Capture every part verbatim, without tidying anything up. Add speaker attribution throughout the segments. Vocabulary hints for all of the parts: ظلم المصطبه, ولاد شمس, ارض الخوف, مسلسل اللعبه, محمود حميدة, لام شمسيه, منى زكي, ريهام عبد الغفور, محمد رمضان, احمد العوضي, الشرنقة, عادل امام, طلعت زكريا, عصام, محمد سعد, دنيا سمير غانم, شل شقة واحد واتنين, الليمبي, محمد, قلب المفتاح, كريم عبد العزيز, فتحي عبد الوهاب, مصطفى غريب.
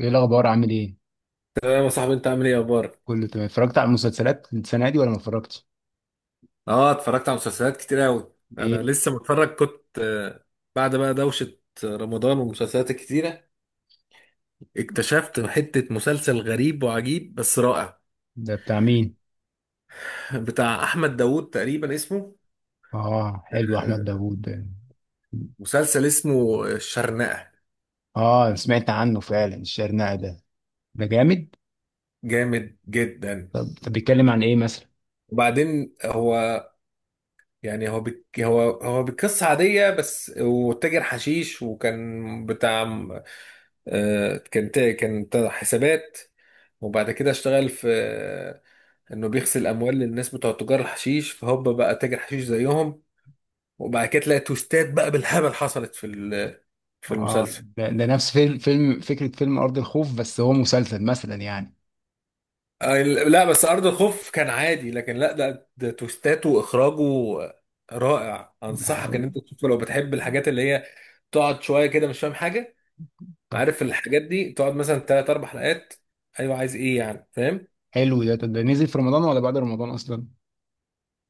Speaker 1: ايه الاخبار؟ عامل ايه؟
Speaker 2: تمام يا صاحبي، انت عامل ايه؟ اخبارك؟
Speaker 1: كله تمام. اتفرجت على المسلسلات السنه دي ولا ما اتفرجتش؟
Speaker 2: اه، اتفرجت على مسلسلات كتير قوي. انا
Speaker 1: ايه
Speaker 2: لسه متفرج، كنت آه، بعد بقى دوشة رمضان والمسلسلات الكتيرة، اكتشفت حتة مسلسل غريب وعجيب بس رائع.
Speaker 1: ده؟ بتاع مين؟
Speaker 2: بتاع احمد داوود تقريبا اسمه
Speaker 1: اه حلو احمد
Speaker 2: آه،
Speaker 1: داوود ده.
Speaker 2: مسلسل اسمه الشرنقة.
Speaker 1: اه سمعت عنه فعلا، الشرنقة ده، ده جامد.
Speaker 2: جامد جدا.
Speaker 1: طب طب بيتكلم عن ايه مثلا؟
Speaker 2: وبعدين هو، يعني هو بك هو هو بقصة عادية، بس وتاجر حشيش، وكان بتاع آه، كان تا- كان تا- حسابات. وبعد كده اشتغل في آه، انه بيغسل اموال للناس بتوع تجار الحشيش، فهوبا بقى تاجر حشيش زيهم. وبعد كده تلاقي توستات بقى بالهبل حصلت في ال- في
Speaker 1: اه
Speaker 2: المسلسل.
Speaker 1: ده, ده نفس فيلم, فيلم فكره فيلم ارض الخوف، بس هو مسلسل مثلا يعني.
Speaker 2: آه، لا، بس ارض الخوف كان عادي، لكن لا، ده ده توستاته واخراجه رائع.
Speaker 1: ده
Speaker 2: انصحك
Speaker 1: حلو.
Speaker 2: ان انت تشوفه لو بتحب الحاجات اللي هي تقعد شويه كده مش فاهم حاجه.
Speaker 1: طب
Speaker 2: عارف الحاجات دي، تقعد مثلا ثلاث اربع حلقات. ايوه، عايز ايه يعني؟ فاهم؟
Speaker 1: حلو ده، طب ده نزل في رمضان ولا بعد رمضان اصلا؟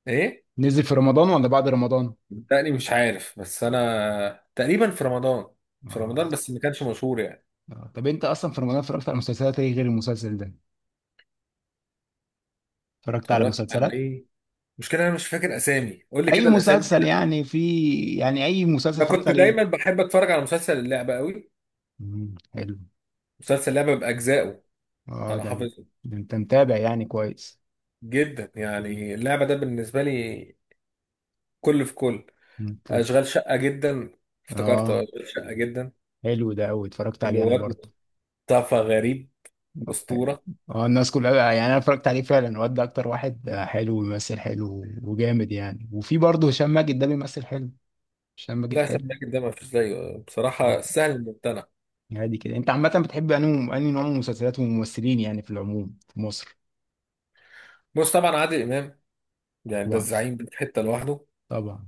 Speaker 2: ايه،
Speaker 1: نزل في رمضان ولا بعد رمضان؟
Speaker 2: تقريبا مش عارف، بس انا تقريبا في رمضان في
Speaker 1: اه.
Speaker 2: رمضان بس ما كانش مشهور يعني.
Speaker 1: آه. طب انت اصلا في رمضان اتفرجت على مسلسلات ايه غير المسلسل ده؟ اتفرجت على
Speaker 2: اتفرجت على
Speaker 1: مسلسلات.
Speaker 2: ايه؟ المشكله انا مش فاكر اسامي، قول لي
Speaker 1: اي
Speaker 2: كده الاسامي
Speaker 1: مسلسل
Speaker 2: كده.
Speaker 1: يعني في؟ يعني اي مسلسل
Speaker 2: انا
Speaker 1: اتفرجت
Speaker 2: كنت
Speaker 1: عليه؟
Speaker 2: دايما بحب اتفرج على مسلسل اللعبه قوي.
Speaker 1: مم، حلو.
Speaker 2: مسلسل اللعبه باجزائه،
Speaker 1: اه
Speaker 2: انا
Speaker 1: ده،
Speaker 2: حافظه.
Speaker 1: ده انت متابع يعني كويس.
Speaker 2: جدا
Speaker 1: مم.
Speaker 2: يعني، اللعبه ده بالنسبه لي كل في كل.
Speaker 1: انت.
Speaker 2: اشغال شقه جدا. افتكرت أهو،
Speaker 1: اه
Speaker 2: اشغال شقه جدا.
Speaker 1: حلو ده قوي، اتفرجت
Speaker 2: اللي
Speaker 1: عليه
Speaker 2: هو
Speaker 1: انا
Speaker 2: واد،
Speaker 1: برضه.
Speaker 2: مصطفى غريب، اسطوره.
Speaker 1: اه الناس كلها يعني، انا اتفرجت عليه فعلا، واد ده اكتر واحد حلو، بيمثل حلو وجامد يعني، وفي برضه هشام ماجد ده بيمثل حلو. هشام ماجد
Speaker 2: لا،
Speaker 1: حلو.
Speaker 2: سماك ده ما فيش زيه
Speaker 1: اه
Speaker 2: بصراحه، سهل الممتنع.
Speaker 1: عادي كده، انت عامة بتحب انهي انهي نوع من المسلسلات والممثلين يعني في العموم في مصر؟
Speaker 2: بص، طبعا عادل امام، يعني ده
Speaker 1: طبعا،
Speaker 2: الزعيم، ده في حته لوحده.
Speaker 1: طبعا.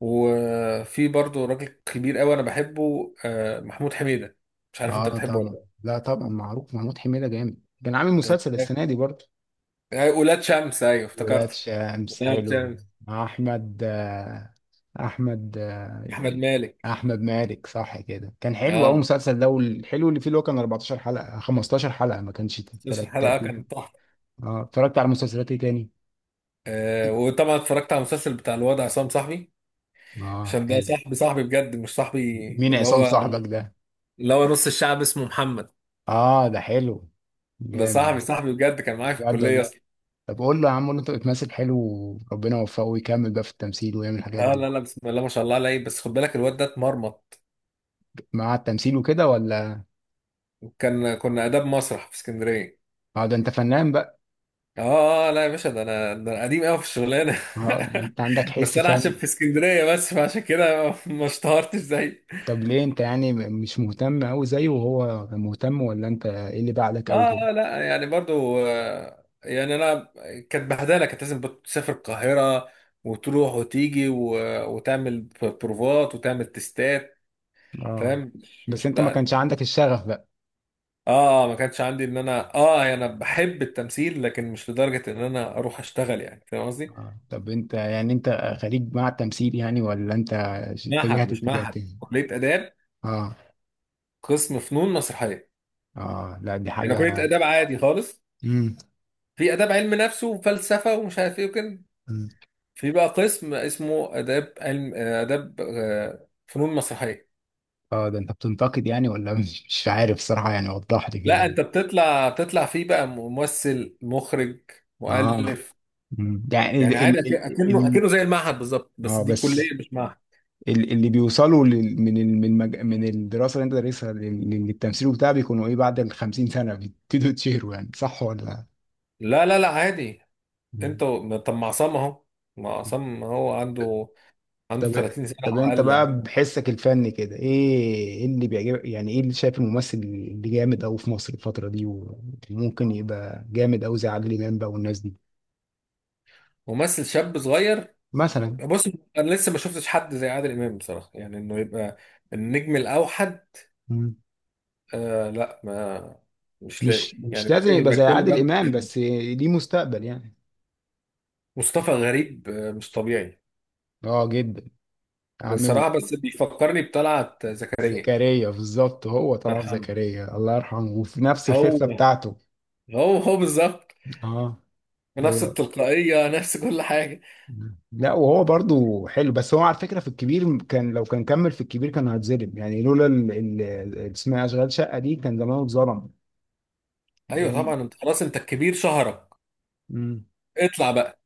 Speaker 2: وفي برضه راجل كبير قوي انا بحبه، آه، محمود حميدة. مش عارف انت
Speaker 1: اه
Speaker 2: بتحبه
Speaker 1: طبعا،
Speaker 2: ولا.
Speaker 1: لا طبعا معروف محمود حميدة جامد. كان عامل مسلسل
Speaker 2: لا آه،
Speaker 1: السنة دي برضه؟
Speaker 2: آه، ولاد شمس، ايوه
Speaker 1: ولاد
Speaker 2: افتكرت،
Speaker 1: شمس
Speaker 2: ولاد
Speaker 1: حلو.
Speaker 2: شمس.
Speaker 1: مع احمد آه، احمد آه،
Speaker 2: احمد مالك.
Speaker 1: احمد مالك، صح كده. كان حلو قوي
Speaker 2: اه،
Speaker 1: المسلسل ده، والحلو اللي فيه اللي هو كان اربعتاشر حلقة خمستاشر حلقة، ما كانش
Speaker 2: مسلسل الحلقه
Speaker 1: تلاتين.
Speaker 2: كان تحفه.
Speaker 1: اه اتفرجت على مسلسلات ايه تاني؟
Speaker 2: آه وطبعا اتفرجت على المسلسل بتاع الواد عصام، صاحبي.
Speaker 1: اه
Speaker 2: عشان ده
Speaker 1: حلو.
Speaker 2: صاحبي صاحبي بجد، مش صاحبي.
Speaker 1: مين
Speaker 2: اللي
Speaker 1: عصام
Speaker 2: هو
Speaker 1: صاحبك ده؟
Speaker 2: اللي هو نص الشعب اسمه محمد.
Speaker 1: اه ده حلو،
Speaker 2: ده
Speaker 1: جامد.
Speaker 2: صاحبي صاحبي بجد، كان معايا في
Speaker 1: بجد
Speaker 2: الكليه
Speaker 1: والله؟
Speaker 2: اصلا.
Speaker 1: طب قول له يا عم، قول له انت بتمثل حلو، وربنا يوفقه ويكمل بقى في التمثيل ويعمل الحاجات
Speaker 2: اه،
Speaker 1: دي.
Speaker 2: لا لا، بسم الله ما شاء الله عليه، بس خد بالك الواد ده اتمرمط.
Speaker 1: مع التمثيل وكده ولا؟
Speaker 2: كان كنا اداب مسرح في اسكندريه.
Speaker 1: اه ده انت فنان بقى.
Speaker 2: اه، لا يا باشا، ده انا ده انا قديم قوي في الشغلانه.
Speaker 1: اه يعني انت عندك
Speaker 2: بس
Speaker 1: حس
Speaker 2: انا عشان
Speaker 1: فن.
Speaker 2: في اسكندريه بس، فعشان كده ما اشتهرتش زي.
Speaker 1: طب ليه انت يعني م- مش مهتم قوي زيه وهو مهتم، ولا انت ايه اللي بعدك
Speaker 2: اه،
Speaker 1: قوي كده؟
Speaker 2: آه، لا يعني برضو، آه، يعني انا كانت بهدله، كانت لازم تسافر القاهره وتروح وتيجي، و... وتعمل بروفات وتعمل تستات.
Speaker 1: اه.
Speaker 2: فاهم؟ مش
Speaker 1: بس
Speaker 2: مش
Speaker 1: انت ما
Speaker 2: بتاع
Speaker 1: كانش
Speaker 2: ال-.
Speaker 1: عندك الشغف بقى.
Speaker 2: اه، ما كانش عندي ان انا، اه يعني انا بحب التمثيل لكن مش لدرجه ان انا اروح اشتغل، يعني فاهم قصدي؟
Speaker 1: اه طب انت يعني انت خريج مع التمثيل يعني ولا انت ش-
Speaker 2: معهد؟
Speaker 1: اتجهت
Speaker 2: مش
Speaker 1: اتجاه
Speaker 2: معهد،
Speaker 1: تاني؟
Speaker 2: كليه اداب،
Speaker 1: اه.
Speaker 2: قسم فنون مسرحيه.
Speaker 1: اه لا دي
Speaker 2: انا كليه
Speaker 1: حاجة.
Speaker 2: اداب عادي خالص.
Speaker 1: امم.
Speaker 2: في اداب علم نفس وفلسفه ومش عارف ايه وكده،
Speaker 1: أمم.
Speaker 2: في بقى قسم اسمه اداب علم، اداب آه، فنون مسرحيه.
Speaker 1: اه ده انت بتنتقد يعني ولا مش مش عارف صراحة يعني، وضح لي
Speaker 2: لا،
Speaker 1: كده.
Speaker 2: انت بتطلع بتطلع فيه بقى ممثل، مخرج،
Speaker 1: اه.
Speaker 2: مؤلف.
Speaker 1: أمم. يعني ال
Speaker 2: يعني عادي،
Speaker 1: ال
Speaker 2: أك-
Speaker 1: ال
Speaker 2: اكنه
Speaker 1: ال-
Speaker 2: اكنه زي المعهد بالظبط، بس
Speaker 1: اه
Speaker 2: دي
Speaker 1: بس
Speaker 2: كليه مش معهد.
Speaker 1: ال- اللي بيوصلوا لل- من ال- من المج... من الدراسه اللي انت دارسها لل- لل- للتمثيل وبتاع، بيكونوا ايه؟ بعد ال خمسين سنه بيبتدوا يتشهروا يعني، صح ولا؟
Speaker 2: لا لا لا، عادي.
Speaker 1: مم.
Speaker 2: انت و- طب، ما عصام اهو، ما عصام هو، عنده عنده
Speaker 1: طب
Speaker 2: ثلاثين سنه
Speaker 1: طب
Speaker 2: او
Speaker 1: انت
Speaker 2: اقل اهو.
Speaker 1: بقى بحسك الفني كده ايه؟ ايه اللي بيعجبك يعني؟ ايه اللي شايف الممثل اللي جامد قوي في مصر الفتره دي، وممكن يبقى جامد قوي زي عادل امام بقى والناس دي؟
Speaker 2: ممثل شاب صغير.
Speaker 1: مثلا.
Speaker 2: بص، انا لسه ما شفتش حد زي عادل امام بصراحه، يعني انه يبقى النجم الاوحد.
Speaker 1: مم.
Speaker 2: آه، لا ما، مش لاقي
Speaker 1: مش
Speaker 2: يعني،
Speaker 1: مش لازم
Speaker 2: لازم
Speaker 1: يبقى
Speaker 2: يبقى
Speaker 1: زي
Speaker 2: كل
Speaker 1: عادل امام،
Speaker 2: بند.
Speaker 1: بس ليه مستقبل يعني.
Speaker 2: مصطفى غريب آه مش طبيعي
Speaker 1: اه جدا. عامل.
Speaker 2: بصراحه، بس بيفكرني بطلعت زكريا الله
Speaker 1: زكريا بالظبط، هو طلعت
Speaker 2: يرحمه.
Speaker 1: زكريا الله يرحمه، وفي نفس
Speaker 2: هو
Speaker 1: الخفة بتاعته.
Speaker 2: هو هو بالظبط،
Speaker 1: اه.
Speaker 2: نفس
Speaker 1: هو.
Speaker 2: التلقائيه، نفس كل حاجه.
Speaker 1: لا وهو برضو حلو، بس هو على فكرة في الكبير، كان لو كان كمل في الكبير كان هيتظلم يعني، لولا ال- ال- ال- اسمها أشغال شقة دي كان زمانه اتظلم.
Speaker 2: ايوه
Speaker 1: لأن.
Speaker 2: طبعا، انت خلاص انت الكبير شهرك،
Speaker 1: مم.
Speaker 2: اطلع بقى،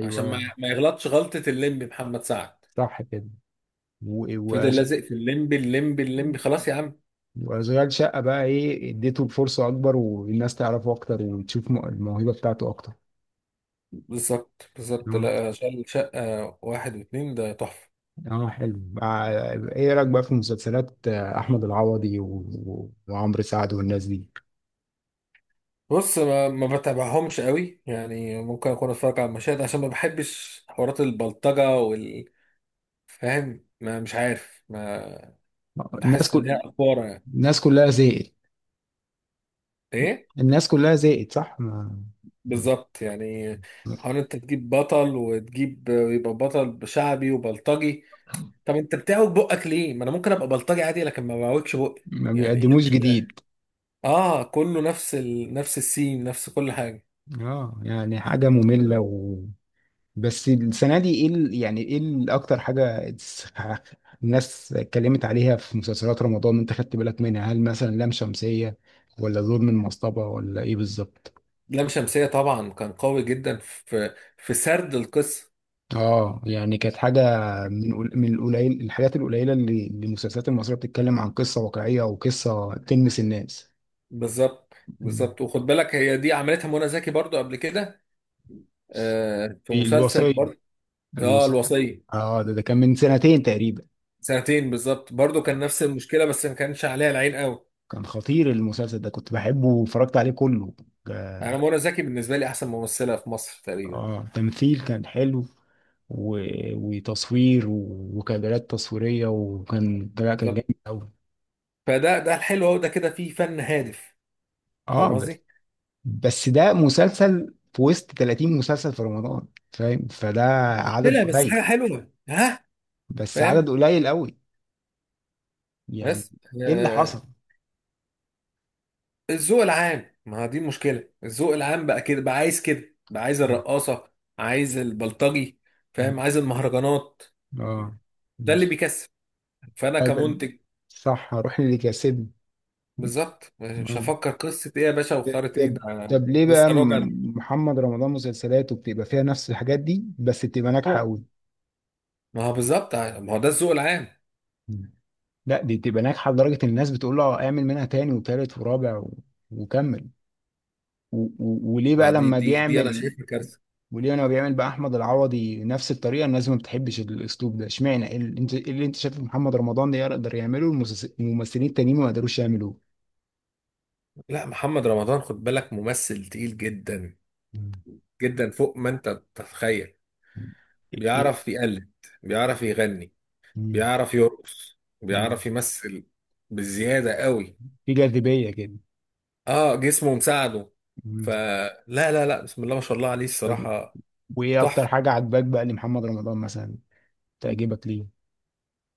Speaker 2: عشان ما ما يغلطش غلطه الليمبي محمد سعد،
Speaker 1: صح كده. و-
Speaker 2: فضل
Speaker 1: وأش-
Speaker 2: لازق في الليمبي، الليمبي، الليمبي، خلاص يا عم.
Speaker 1: وأشغال شقة بقى إيه؟ اديته الفرصة أكبر، والناس تعرفه أكتر، وتشوف م- الموهبة بتاعته أكتر.
Speaker 2: بالظبط بالظبط. لا. مم. شل شقة واحد واتنين ده تحفة.
Speaker 1: اه حلو مع- ايه رايك بقى في مسلسلات آه، احمد العوضي و... و- وعمرو سعد والناس دي؟
Speaker 2: بص، ما ما بتابعهمش قوي يعني، ممكن اكون اتفرج على المشاهد عشان ما بحبش حوارات البلطجة وال. فاهم؟ ما مش عارف، ما
Speaker 1: الناس
Speaker 2: بحس ان
Speaker 1: كل
Speaker 2: هي افوره يعني.
Speaker 1: الناس كلها زهقت.
Speaker 2: ايه
Speaker 1: الناس كلها زهقت، صح. ما
Speaker 2: بالظبط يعني؟ حوار انت تجيب بطل، وتجيب يبقى بطل شعبي وبلطجي. طب انت بتعوج بقك ليه؟ ما انا ممكن ابقى بلطجي عادي، لكن ما بعوجش بقي.
Speaker 1: ما
Speaker 2: يعني ايه
Speaker 1: بيقدموش
Speaker 2: المشكلة؟
Speaker 1: جديد.
Speaker 2: اه، كله نفس ال... نفس السين، نفس كل حاجة.
Speaker 1: اه يعني حاجه ممله و... بس السنه دي ايه ال... يعني ايه ال- اكتر حاجه اتس- الناس اتكلمت عليها في مسلسلات رمضان، انت خدت بالك منها؟ هل مثلا لام شمسيه ولا ظلم المصطبه ولا ايه بالظبط؟
Speaker 2: لام شمسية طبعا كان قوي جدا في في سرد القصة.
Speaker 1: اه يعني كانت حاجه من قل- من القليل، الحاجات القليله اللي اللي المسلسلات المصريه بتتكلم عن قصه واقعيه وقصه تلمس الناس.
Speaker 2: بالظبط
Speaker 1: مم.
Speaker 2: بالظبط، وخد بالك، هي دي عملتها منى زكي برضو قبل كده، آه، في
Speaker 1: في
Speaker 2: مسلسل
Speaker 1: الوصية.
Speaker 2: برضو. اه،
Speaker 1: الوصية.
Speaker 2: الوصية.
Speaker 1: اه ده, ده كان من سنتين تقريبا.
Speaker 2: سنتين بالظبط، برضو كان نفس المشكلة، بس ما كانش عليها العين قوي.
Speaker 1: كان خطير المسلسل ده، كنت بحبه واتفرجت عليه كله.
Speaker 2: انا
Speaker 1: اه.
Speaker 2: منى زكي بالنسبة لي احسن ممثلة في مصر تقريبا.
Speaker 1: آه، تمثيل كان حلو و... وتصوير و... وكادرات تصويرية، وكان لا، كان
Speaker 2: بالظبط،
Speaker 1: جامد قوي.
Speaker 2: فده، ده الحلو اهو، ده كده فيه فن هادف. فاهم
Speaker 1: اه.
Speaker 2: قصدي؟
Speaker 1: بس ده مسلسل في وسط تلاتين مسلسل في رمضان، فاهم؟ فده عدد
Speaker 2: مشكلة، بس
Speaker 1: قليل،
Speaker 2: حاجة حلوة، ها.
Speaker 1: بس عدد
Speaker 2: فاهم.
Speaker 1: قليل قوي يعني.
Speaker 2: بس،
Speaker 1: ايه اللي
Speaker 2: آه،
Speaker 1: حصل؟
Speaker 2: الذوق العام، ما هو دي المشكله، الذوق العام بقى كده، بقى عايز كده، بقى عايز
Speaker 1: م-
Speaker 2: الرقاصه، عايز البلطجي.
Speaker 1: م-
Speaker 2: فاهم؟ عايز المهرجانات.
Speaker 1: اه،
Speaker 2: ده اللي
Speaker 1: مش
Speaker 2: بيكسب، فانا
Speaker 1: هذا-
Speaker 2: كمنتج،
Speaker 1: صح هروح اللي كسبني.
Speaker 2: بالظبط مش
Speaker 1: آه.
Speaker 2: هفكر قصه ايه يا باشا، وخارة ايه
Speaker 1: طب
Speaker 2: ده.
Speaker 1: طب ليه بقى
Speaker 2: لسه راجع.
Speaker 1: م- محمد رمضان مسلسلاته بتبقى فيها نفس الحاجات دي بس بتبقى ناجحة
Speaker 2: أهو.
Speaker 1: قوي؟
Speaker 2: ما هو بالظبط، ما هو ده الذوق العام.
Speaker 1: م. لا دي بتبقى ناجحة لدرجة إن الناس بتقول له اعمل منها تاني وتالت ورابع و... وكمل و... و... وليه
Speaker 2: ما
Speaker 1: بقى
Speaker 2: دي
Speaker 1: لما
Speaker 2: دي دي انا
Speaker 1: بيعمل،
Speaker 2: شايفها كارثه.
Speaker 1: ولينا بيعمل بقى احمد العوضي نفس الطريقه الناس ما بتحبش الاسلوب ده؟ اشمعنى إيه اللي انت إيه اللي انت شايف محمد رمضان ده يقدر يعمله المسلس- الممثلين التانيين ما قدروش يعملوه؟
Speaker 2: لا، محمد رمضان خد بالك ممثل تقيل جدا،
Speaker 1: مم.
Speaker 2: جدا فوق ما انت تتخيل.
Speaker 1: إيه إيه؟
Speaker 2: بيعرف يقلد، بيعرف يغني،
Speaker 1: مم.
Speaker 2: بيعرف يرقص،
Speaker 1: مم.
Speaker 2: بيعرف يمثل، بزيادة قوي.
Speaker 1: في جاذبيه كده.
Speaker 2: اه، جسمه مساعده.
Speaker 1: مم.
Speaker 2: فلا لا لا لا، بسم الله ما شاء الله عليه
Speaker 1: طب
Speaker 2: الصراحة.
Speaker 1: وايه اكتر
Speaker 2: تحفة.
Speaker 1: حاجه عجباك بقى لمحمد رمضان مثلا؟ تعجبك ليه؟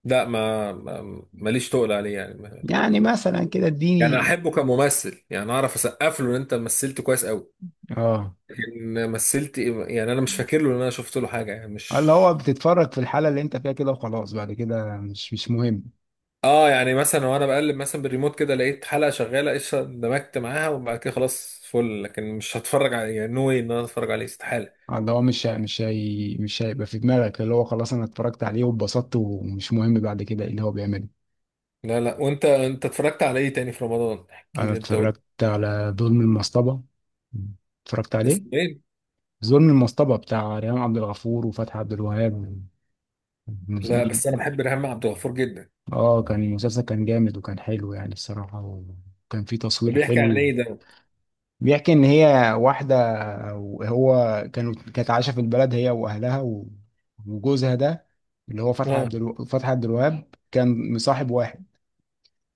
Speaker 2: لا، ما ما- ماليش تقل عليه يعني، ما-.
Speaker 1: يعني مثلا كده
Speaker 2: يعني
Speaker 1: اديني.
Speaker 2: احبه كممثل، يعني اعرف اسقف له ان انت مثلت كويس قوي،
Speaker 1: اه،
Speaker 2: لكن مثلت إيه-. يعني انا مش فاكر له ان انا شفت له حاجة يعني،
Speaker 1: اللي
Speaker 2: مش.
Speaker 1: هو بتتفرج في الحاله اللي انت فيها كده وخلاص، بعد كده مش مش مهم.
Speaker 2: اه، يعني مثلا وانا بقلب مثلا بالريموت كده، لقيت حلقة شغالة قشطة، اندمجت معاها، وبعد كده خلاص، فل. لكن مش هتفرج عليه يعني، نو واي ان انا اتفرج عليه، استحالة.
Speaker 1: اللي هو مش هي- مش هي مش هيبقى في دماغك اللي هو خلاص انا اتفرجت عليه واتبسطت ومش مهم بعد كده ايه اللي هو بيعمله.
Speaker 2: لا لا، وانت انت اتفرجت على ايه تاني في رمضان؟ احكي
Speaker 1: انا
Speaker 2: لي، انت قول.
Speaker 1: اتفرجت على ظلم المصطبة، اتفرجت عليه.
Speaker 2: اسماعيل.
Speaker 1: ظلم المصطبة بتاع ريهام عبد الغفور وفتحي عبد الوهاب. مز-
Speaker 2: لا بس انا بحب ريهام عبد الغفور جدا.
Speaker 1: اه كان المسلسل كان جامد وكان حلو يعني الصراحة، وكان فيه
Speaker 2: طب
Speaker 1: تصوير
Speaker 2: بيحكي عن
Speaker 1: حلو.
Speaker 2: ايه ده؟
Speaker 1: بيحكي ان هي واحده، وهو كانوا كانت عايشه في البلد هي واهلها و- وجوزها ده اللي هو فتحي
Speaker 2: اه.
Speaker 1: عبد الو... فتحي عبد الوهاب كان مصاحب واحد.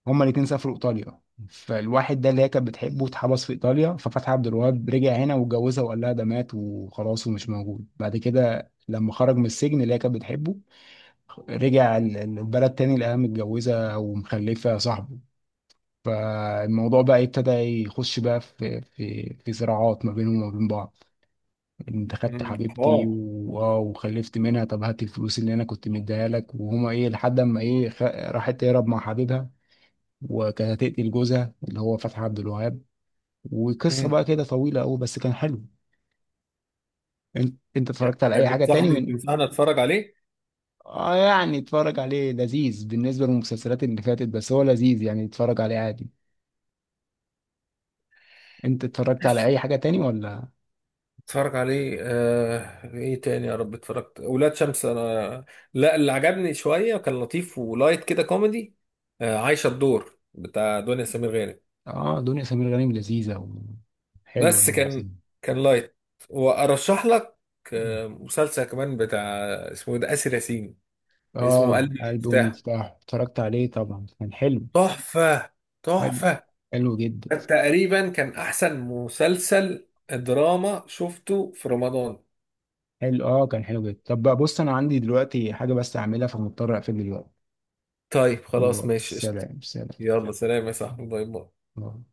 Speaker 1: هما الاتنين سافروا ايطاليا، فالواحد ده اللي هي كانت بتحبه اتحبس في ايطاليا، ففتحي عبد الوهاب رجع هنا واتجوزها وقال لها ده مات وخلاص ومش موجود. بعد كده لما خرج من السجن اللي هي كانت بتحبه، رجع ال- البلد تاني، لقاها متجوزه ومخلفه صاحبه. فالموضوع بقى ابتدى يخش بقى في في في صراعات ما بينهم وما بين بعض. انت خدت
Speaker 2: أمم،
Speaker 1: حبيبتي
Speaker 2: حوار.
Speaker 1: و- آه، وخلفت منها، طب هات الفلوس اللي انا كنت مديها لك. وهما ايه لحد اما ايه خ... راحت تهرب مع حبيبها، وكانت هتقتل جوزها اللي هو فتحي عبد الوهاب. وقصه
Speaker 2: أمم.
Speaker 1: بقى كده طويله قوي، بس كان حلو. انت انت
Speaker 2: يعني،
Speaker 1: اتفرجت على اي حاجه تاني
Speaker 2: بتنصحني
Speaker 1: من.
Speaker 2: بتنصحني اتفرج عليه؟
Speaker 1: اه يعني اتفرج عليه، لذيذ بالنسبه للمسلسلات اللي فاتت، بس هو لذيذ يعني، اتفرج عليه عادي. انت اتفرجت على
Speaker 2: ماشي،
Speaker 1: اي حاجه تاني ولا؟
Speaker 2: اتفرج عليه. آه... ايه تاني يا رب؟ اتفرجت ولاد شمس انا. لا، اللي عجبني شويه كان لطيف ولايت كده كوميدي، آه... عايشه الدور بتاع دنيا سمير غانم.
Speaker 1: اه دنيا سمير غانم لذيذة وحلوة
Speaker 2: بس
Speaker 1: يعني.
Speaker 2: كان، كان لايت. وارشح لك
Speaker 1: مم.
Speaker 2: آه... مسلسل كمان بتاع، اسمه ايه ده، آسر ياسين. اسمه
Speaker 1: اه
Speaker 2: قلب
Speaker 1: قلب
Speaker 2: المفتاح،
Speaker 1: ومفتاح اتفرجت عليه طبعا، كان حلو.
Speaker 2: تحفة،
Speaker 1: حلو.
Speaker 2: تحفة.
Speaker 1: حلو جدا.
Speaker 2: ده تقريبا كان أحسن مسلسل دراما شفته في رمضان.
Speaker 1: حلو اه كان حلو جدا. طب بقى بص انا عندي دلوقتي حاجة بس اعملها، فمضطر اقفل دلوقتي.
Speaker 2: طيب خلاص،
Speaker 1: باي.
Speaker 2: ماشي قشطة.
Speaker 1: سلام سلام.
Speaker 2: يلا سلام يا صاحبي، باي باي.
Speaker 1: باي.